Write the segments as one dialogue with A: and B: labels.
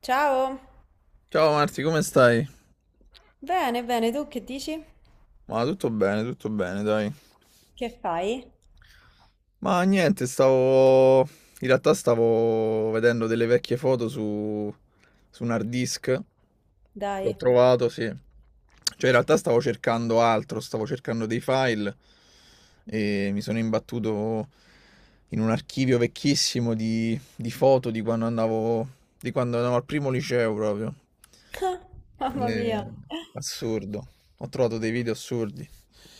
A: Ciao!
B: Ciao Marti, come stai?
A: Bene, bene, tu che dici?
B: Ma tutto bene, dai.
A: Che fai?
B: Ma niente, stavo... In realtà stavo vedendo delle vecchie foto su un hard disk.
A: Dai,
B: L'ho trovato, sì. Cioè, in realtà stavo cercando altro, stavo cercando dei file e mi sono imbattuto in un archivio vecchissimo di foto di quando di quando andavo al primo liceo proprio.
A: mamma mia.
B: Eh, Assurdo. Ho trovato dei video assurdi.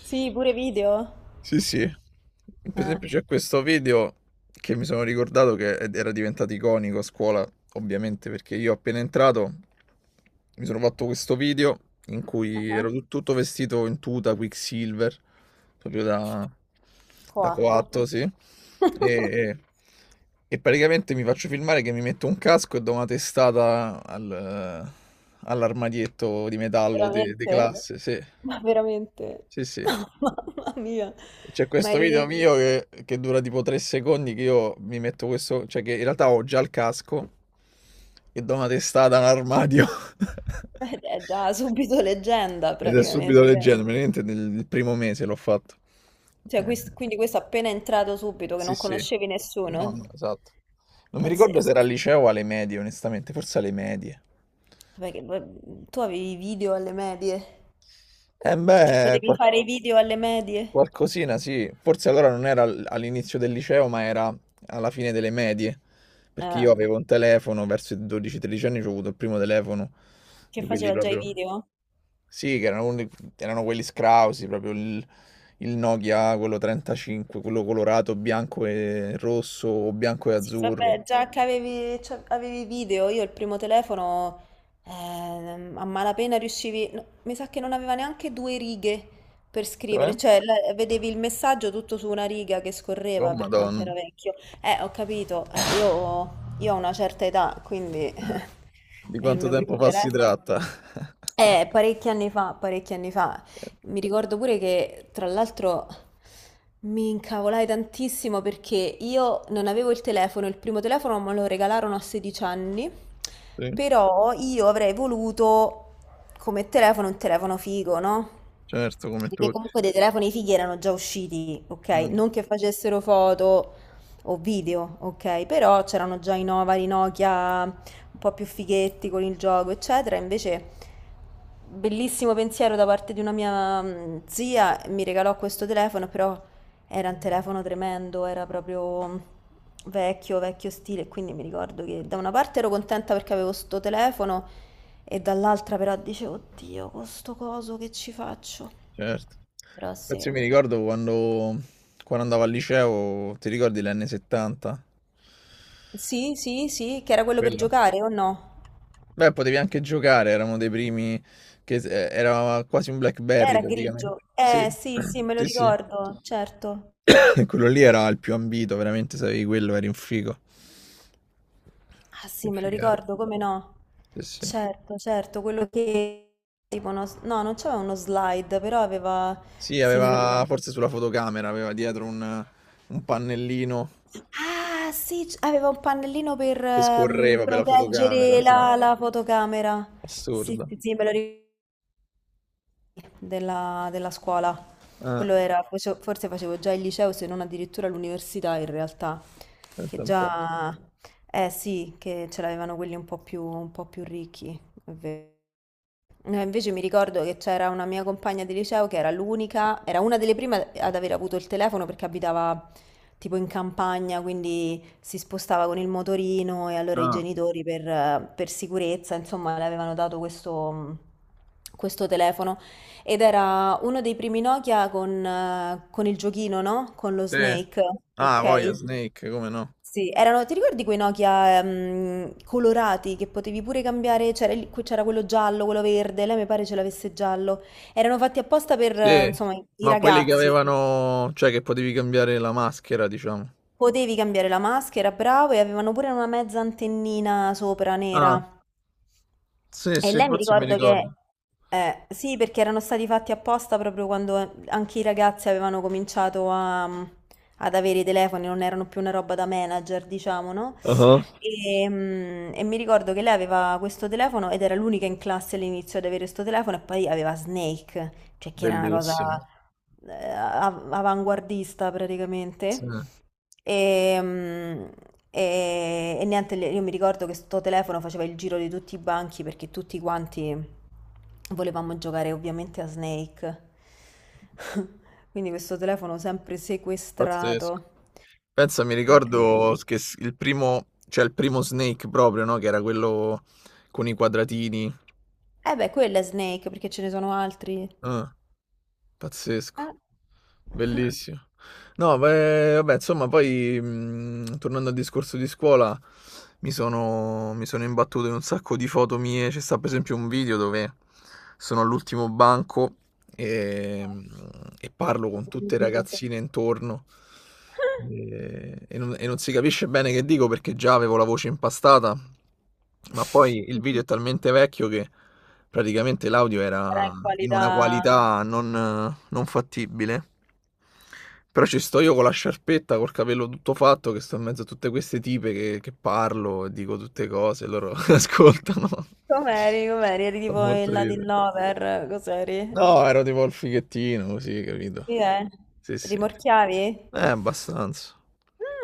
A: Sì, pure video?
B: Sì, sì. Per
A: Eh,
B: esempio c'è questo video che mi sono ricordato che era diventato iconico a scuola, ovviamente, perché io appena entrato mi sono fatto questo video in cui ero tutto vestito in tuta Quicksilver, proprio da, da
A: coatto.
B: coatto, sì. E, e praticamente mi faccio filmare che mi metto un casco e do una testata all'armadietto di
A: Ma
B: metallo de
A: veramente?
B: classe, sì,
A: Ma veramente?
B: sì, sì.
A: Mamma mia.
B: C'è
A: Ma
B: questo video
A: eri...
B: mio che dura tipo 3 secondi che io mi metto questo, cioè che in realtà ho già il casco e do una testata a un armadio.
A: È già subito leggenda
B: Ed è subito
A: praticamente.
B: leggero, veramente nel primo mese l'ho fatto.
A: Cioè,
B: Eh,
A: quindi questo appena è entrato subito, che
B: Sì,
A: non
B: sì.
A: conoscevi
B: No,
A: nessuno.
B: no, esatto. Non mi ricordo se era al
A: Pazzesco.
B: liceo o alle medie, onestamente, forse alle medie.
A: Vabbè, che tu avevi i video alle medie?
B: Eh
A: Cioè,
B: beh,
A: potevi fare i video alle medie?
B: qualcosina, sì. Forse allora non era all'inizio del liceo, ma era alla fine delle medie. Perché
A: Eh,
B: io avevo un telefono, verso i 12-13 anni ho avuto il primo telefono
A: che
B: di quelli
A: faceva già i
B: proprio...
A: video?
B: Sì, che erano quelli scrausi, proprio il Nokia, quello 35, quello colorato, bianco e rosso o bianco e
A: Sì,
B: azzurro.
A: vabbè, già che avevi, cioè, avevi i video, io il primo telefono a malapena riuscivi, no, mi sa che non aveva neanche due righe per
B: Cioè?
A: scrivere, cioè vedevi il messaggio tutto su una riga che
B: Oh,
A: scorreva per quanto era
B: Madonna.
A: vecchio. Ho capito, io ho una certa età, quindi
B: Eh, Di
A: è il
B: quanto
A: mio primo
B: tempo fa si
A: telefono.
B: tratta?
A: Parecchi anni fa, parecchi anni fa. Mi ricordo pure che, tra l'altro, mi incavolai tantissimo perché io non avevo il telefono, il primo telefono me lo regalarono a 16 anni,
B: Sì,
A: però io avrei voluto come telefono un telefono figo, no?
B: certo, come
A: Perché
B: tutti.
A: comunque dei telefoni fighi erano già usciti, ok?
B: Mm.
A: Non che facessero foto o video, ok? Però c'erano già i Nova, i Nokia, un po' più fighetti con il gioco, eccetera. Invece, bellissimo pensiero da parte di una mia zia, mi regalò questo telefono, però era un telefono tremendo, era proprio vecchio, vecchio stile. Quindi mi ricordo che da una parte ero contenta perché avevo sto telefono e dall'altra però dicevo, oddio, con sto coso che ci faccio?
B: Certo.
A: Però
B: Infatti
A: sì.
B: io mi ricordo quando andavo al liceo, ti ricordi l'N70?
A: Sì, sì, sì, che era quello per
B: Bello.
A: giocare o no?
B: Beh, potevi anche giocare, eravamo dei primi che era quasi un BlackBerry
A: Era grigio.
B: praticamente. Sì,
A: Sì, sì, me lo
B: sì, sì.
A: ricordo, certo.
B: E quello lì era il più ambito, veramente, se avevi quello eri un figo.
A: Ah,
B: Che
A: sì, me lo
B: figata.
A: ricordo, come no?
B: Sì, sì.
A: Certo, certo, quello che tipo uno... No, non c'aveva uno slide, però aveva...
B: Sì,
A: Sì, me lo
B: aveva
A: ricordo.
B: forse sulla fotocamera, aveva dietro un pannellino
A: Ah, sì, aveva un pannellino per
B: che scorreva per la fotocamera,
A: proteggere
B: sì.
A: la fotocamera. Sì,
B: Assurdo.
A: sì, sì, me lo ricordo. Della scuola.
B: Ah,
A: Quello era, forse facevo già il liceo, se non addirittura l'università in realtà, che
B: aspetta un po'.
A: già, eh sì, che ce l'avevano quelli un po' più ricchi, è vero. Invece mi ricordo che c'era una mia compagna di liceo che era l'unica, era una delle prime ad aver avuto il telefono perché abitava tipo in campagna, quindi si spostava con il motorino e allora i
B: Ah,
A: genitori per sicurezza, insomma, le avevano dato questo, questo telefono ed era uno dei primi Nokia con il giochino, no? Con lo
B: sì.
A: Snake,
B: Ah, voglia
A: ok?
B: Snake, come no?
A: Sì, erano, ti ricordi quei Nokia colorati che potevi pure cambiare? C'era c'era quello giallo, quello verde, lei mi pare ce l'avesse giallo. Erano fatti apposta per,
B: Sì.
A: insomma, i
B: Ma quelli che
A: ragazzi.
B: avevano, cioè che potevi cambiare la maschera, diciamo.
A: Potevi cambiare la maschera, bravo, e avevano pure una mezza antennina sopra
B: Ah,
A: nera.
B: sì,
A: E
B: sì,
A: lei mi
B: forse mi
A: ricordo che,
B: ricordo.
A: sì, perché erano stati fatti apposta proprio quando anche i ragazzi avevano cominciato ad avere i telefoni, non erano più una roba da manager, diciamo, no?
B: Ah.
A: E, e mi ricordo che lei aveva questo telefono ed era l'unica in classe all'inizio ad avere questo telefono e poi aveva Snake, cioè che era una cosa
B: Bellissimo.
A: avanguardista
B: Sì,
A: praticamente. E, e niente, io mi ricordo che sto telefono faceva il giro di tutti i banchi perché tutti quanti volevamo giocare ovviamente a Snake. Quindi questo telefono sempre
B: pazzesco.
A: sequestrato.
B: Pensa, mi
A: È
B: ricordo
A: incredibile.
B: che il primo, cioè il primo Snake proprio, no? Che era quello con i quadratini.
A: Eh beh, quello è Snake perché ce ne sono altri.
B: Ah, pazzesco.
A: Eh?
B: Bellissimo. No, beh, vabbè, insomma, poi tornando al discorso di scuola, mi sono imbattuto in un sacco di foto mie. C'è sta per esempio un video dove sono all'ultimo banco e, mhmm, e parlo con tutte le
A: Ovviamente.
B: ragazzine intorno e non si capisce bene che dico perché già avevo la voce impastata, ma poi il video è talmente vecchio che praticamente l'audio
A: Era
B: era
A: in
B: in una
A: qualità.
B: qualità non fattibile. Però ci sto io con la sciarpetta, col capello tutto fatto, che sto in mezzo a tutte queste tipe che parlo e dico tutte cose, loro ascoltano.
A: Com'eri? Com'eri? Eri
B: Fa
A: tipo
B: molto
A: il
B: ridere.
A: Latin Lover? Cos'eri?
B: No, ero tipo il fighettino, così, capito?
A: Sì, eh.
B: Sì, sì.
A: Rimorchiavi?
B: Abbastanza.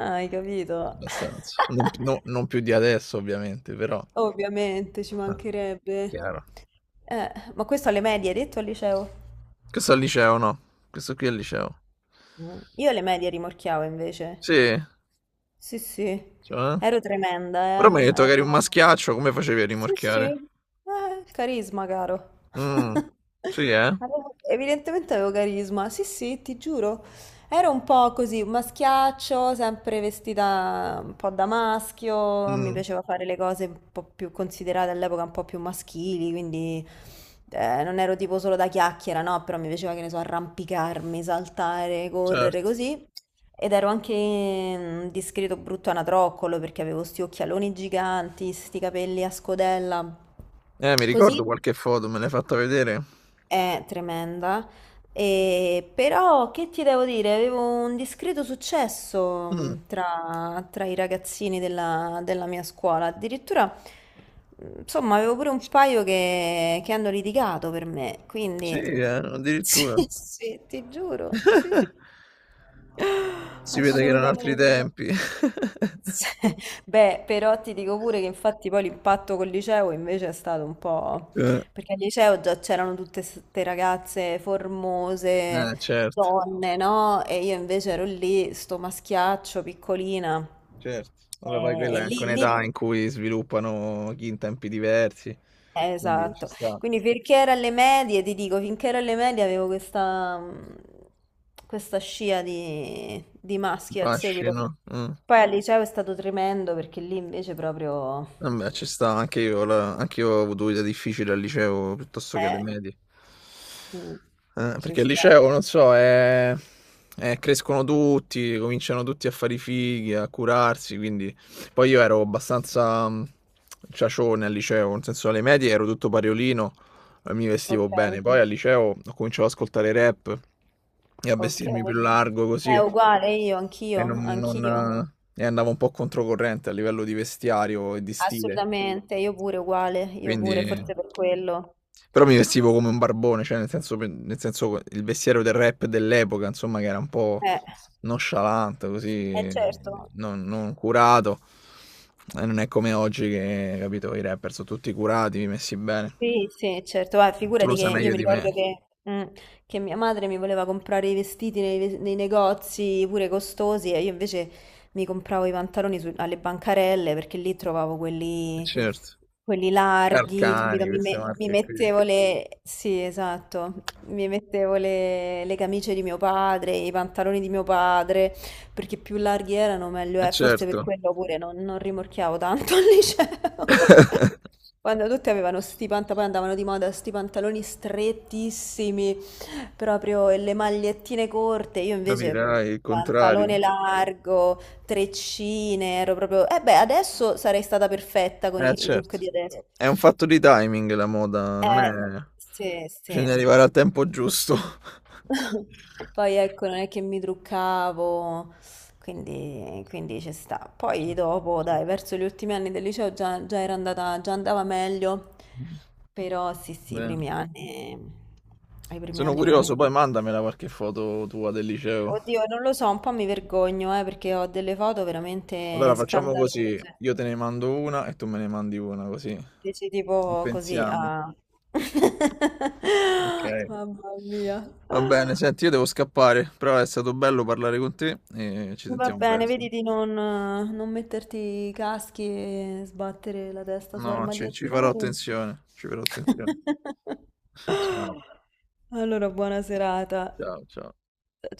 A: Ah, hai capito.
B: Abbastanza. Non più di adesso, ovviamente, però.
A: Ovviamente, ci
B: Ah,
A: mancherebbe.
B: chiaro.
A: Ma questo alle medie, hai detto al liceo?
B: Questo è al liceo, no? Questo qui è al liceo.
A: Mm. Io alle medie rimorchiavo invece.
B: Sì,
A: Sì, sì.
B: cioè, eh?
A: Ero tremenda, eh.
B: Prometto che eri un
A: Ero...
B: maschiaccio, come facevi a
A: Sì, sì.
B: rimorchiare?
A: Il carisma, caro.
B: Mm, sì, eh?
A: Avevo... Evidentemente avevo carisma. Sì, sì, ti giuro. Ero un po' così, maschiaccio, sempre vestita un po' da maschio, mi
B: Mm,
A: piaceva fare le cose un po' più considerate all'epoca un po' più maschili, quindi non ero tipo solo da chiacchiera, no, però mi piaceva che ne so, arrampicarmi, saltare,
B: certo.
A: correre così. Ed ero anche un discreto brutto anatroccolo perché avevo sti occhialoni giganti, sti capelli a scodella.
B: Mi ricordo
A: Così
B: qualche foto, me l'hai fatta vedere.
A: è tremenda. E però che ti devo dire? Avevo un discreto successo
B: Mm,
A: tra i ragazzini della mia scuola. Addirittura, insomma, avevo pure un paio che hanno litigato per me,
B: sì,
A: quindi sì,
B: addirittura.
A: sì, ti giuro, sì, sì,
B: Si vede che erano altri
A: assolutamente.
B: tempi.
A: Beh, però ti dico pure che infatti poi l'impatto col liceo invece è stato un po'...
B: Eh,
A: perché al liceo già c'erano tutte queste ragazze formose,
B: certo,
A: donne, no? E io invece ero lì, sto maschiaccio, piccolina.
B: certo. Vabbè, poi
A: E,
B: quella è anche
A: lì, lì...
B: un'età in cui sviluppano chi in tempi diversi, quindi ci
A: esatto.
B: sta.
A: Quindi finché era alle medie, ti dico, finché ero alle medie avevo questa, questa scia di maschi al seguito.
B: Fascino. Mm.
A: Poi al liceo è stato tremendo perché lì invece proprio...
B: Eh beh, ci sta, anche io la anch'io ho avuto vita difficile al liceo piuttosto che alle
A: Eh,
B: medie.
A: mm, ci
B: Perché il
A: sta.
B: liceo, non so, è crescono tutti, cominciano tutti a fare i fighi, a curarsi, quindi poi io ero abbastanza, mhmm, ciacione al liceo, nel senso alle medie ero tutto pariolino, mi
A: Ok,
B: vestivo bene. Poi al liceo ho cominciato ad ascoltare rap e a
A: ok.
B: vestirmi più largo
A: È
B: così
A: uguale io,
B: e, non,
A: anch'io,
B: non,
A: anch'io.
B: e andavo un po' controcorrente a livello di vestiario e di stile.
A: Assolutamente, io pure uguale, io pure,
B: Quindi...
A: forse per quello.
B: Però mi vestivo come un barbone, cioè nel senso il vestiario del rap dell'epoca, insomma, che era un po'
A: Eh,
B: nonchalant,
A: eh
B: così,
A: certo.
B: non curato. E non è come oggi che, capito, i rapper sono tutti curati, messi bene.
A: Sì, sì, certo, guarda,
B: Tu
A: figurati
B: lo
A: che
B: sai
A: io
B: meglio
A: mi
B: di me,
A: ricordo che, mm, che mia madre mi voleva comprare i vestiti nei, nei negozi pure costosi e io invece mi compravo i pantaloni alle bancarelle perché lì trovavo
B: eh
A: quelli,
B: certo.
A: quelli larghi, capito?
B: Carcani, queste
A: Mi
B: marche qui.
A: mettevo le... Sì, esatto, mi mettevo le camicie di mio padre, i pantaloni di mio padre perché più larghi erano, meglio
B: Eh
A: è. Forse per
B: certo,
A: quello pure non rimorchiavo tanto al liceo. Quando tutti avevano sti pantaloni, poi andavano di moda sti pantaloni strettissimi, proprio e le magliettine corte. Io invece
B: capirai il
A: pantalone
B: contrario.
A: largo, treccine, ero proprio... Eh beh, adesso sarei stata perfetta con
B: Eh
A: i look
B: certo.
A: di adesso.
B: È un fatto di timing la moda, non
A: Eh,
B: è...
A: sì, sì.
B: Bisogna arrivare al tempo giusto.
A: Poi ecco, non è che mi truccavo, quindi, quindi ci sta.
B: Cioè,
A: Poi dopo, dai, verso gli ultimi anni del liceo già, già era andata, già andava meglio, però sì, sì,
B: bene.
A: i primi
B: Sono
A: anni
B: curioso, poi
A: veramente...
B: mandamela qualche foto tua del liceo.
A: Oddio, non lo so, un po' mi vergogno, perché ho delle foto veramente
B: Allora facciamo così,
A: scandalose.
B: io te ne mando una e tu me ne mandi una, così
A: Dici tipo così,
B: pensiamo.
A: ah...
B: Ok.
A: Mamma mia.
B: Va bene, senti, io devo scappare, però è stato bello parlare con te e ci
A: Va
B: sentiamo
A: bene,
B: presto.
A: vedi di non metterti i caschi e sbattere la testa su
B: No, no, ci
A: armadietti
B: farò
A: vari.
B: attenzione, ci farò attenzione. Ciao,
A: Allora, buona serata.
B: ciao, ciao.
A: Ciao.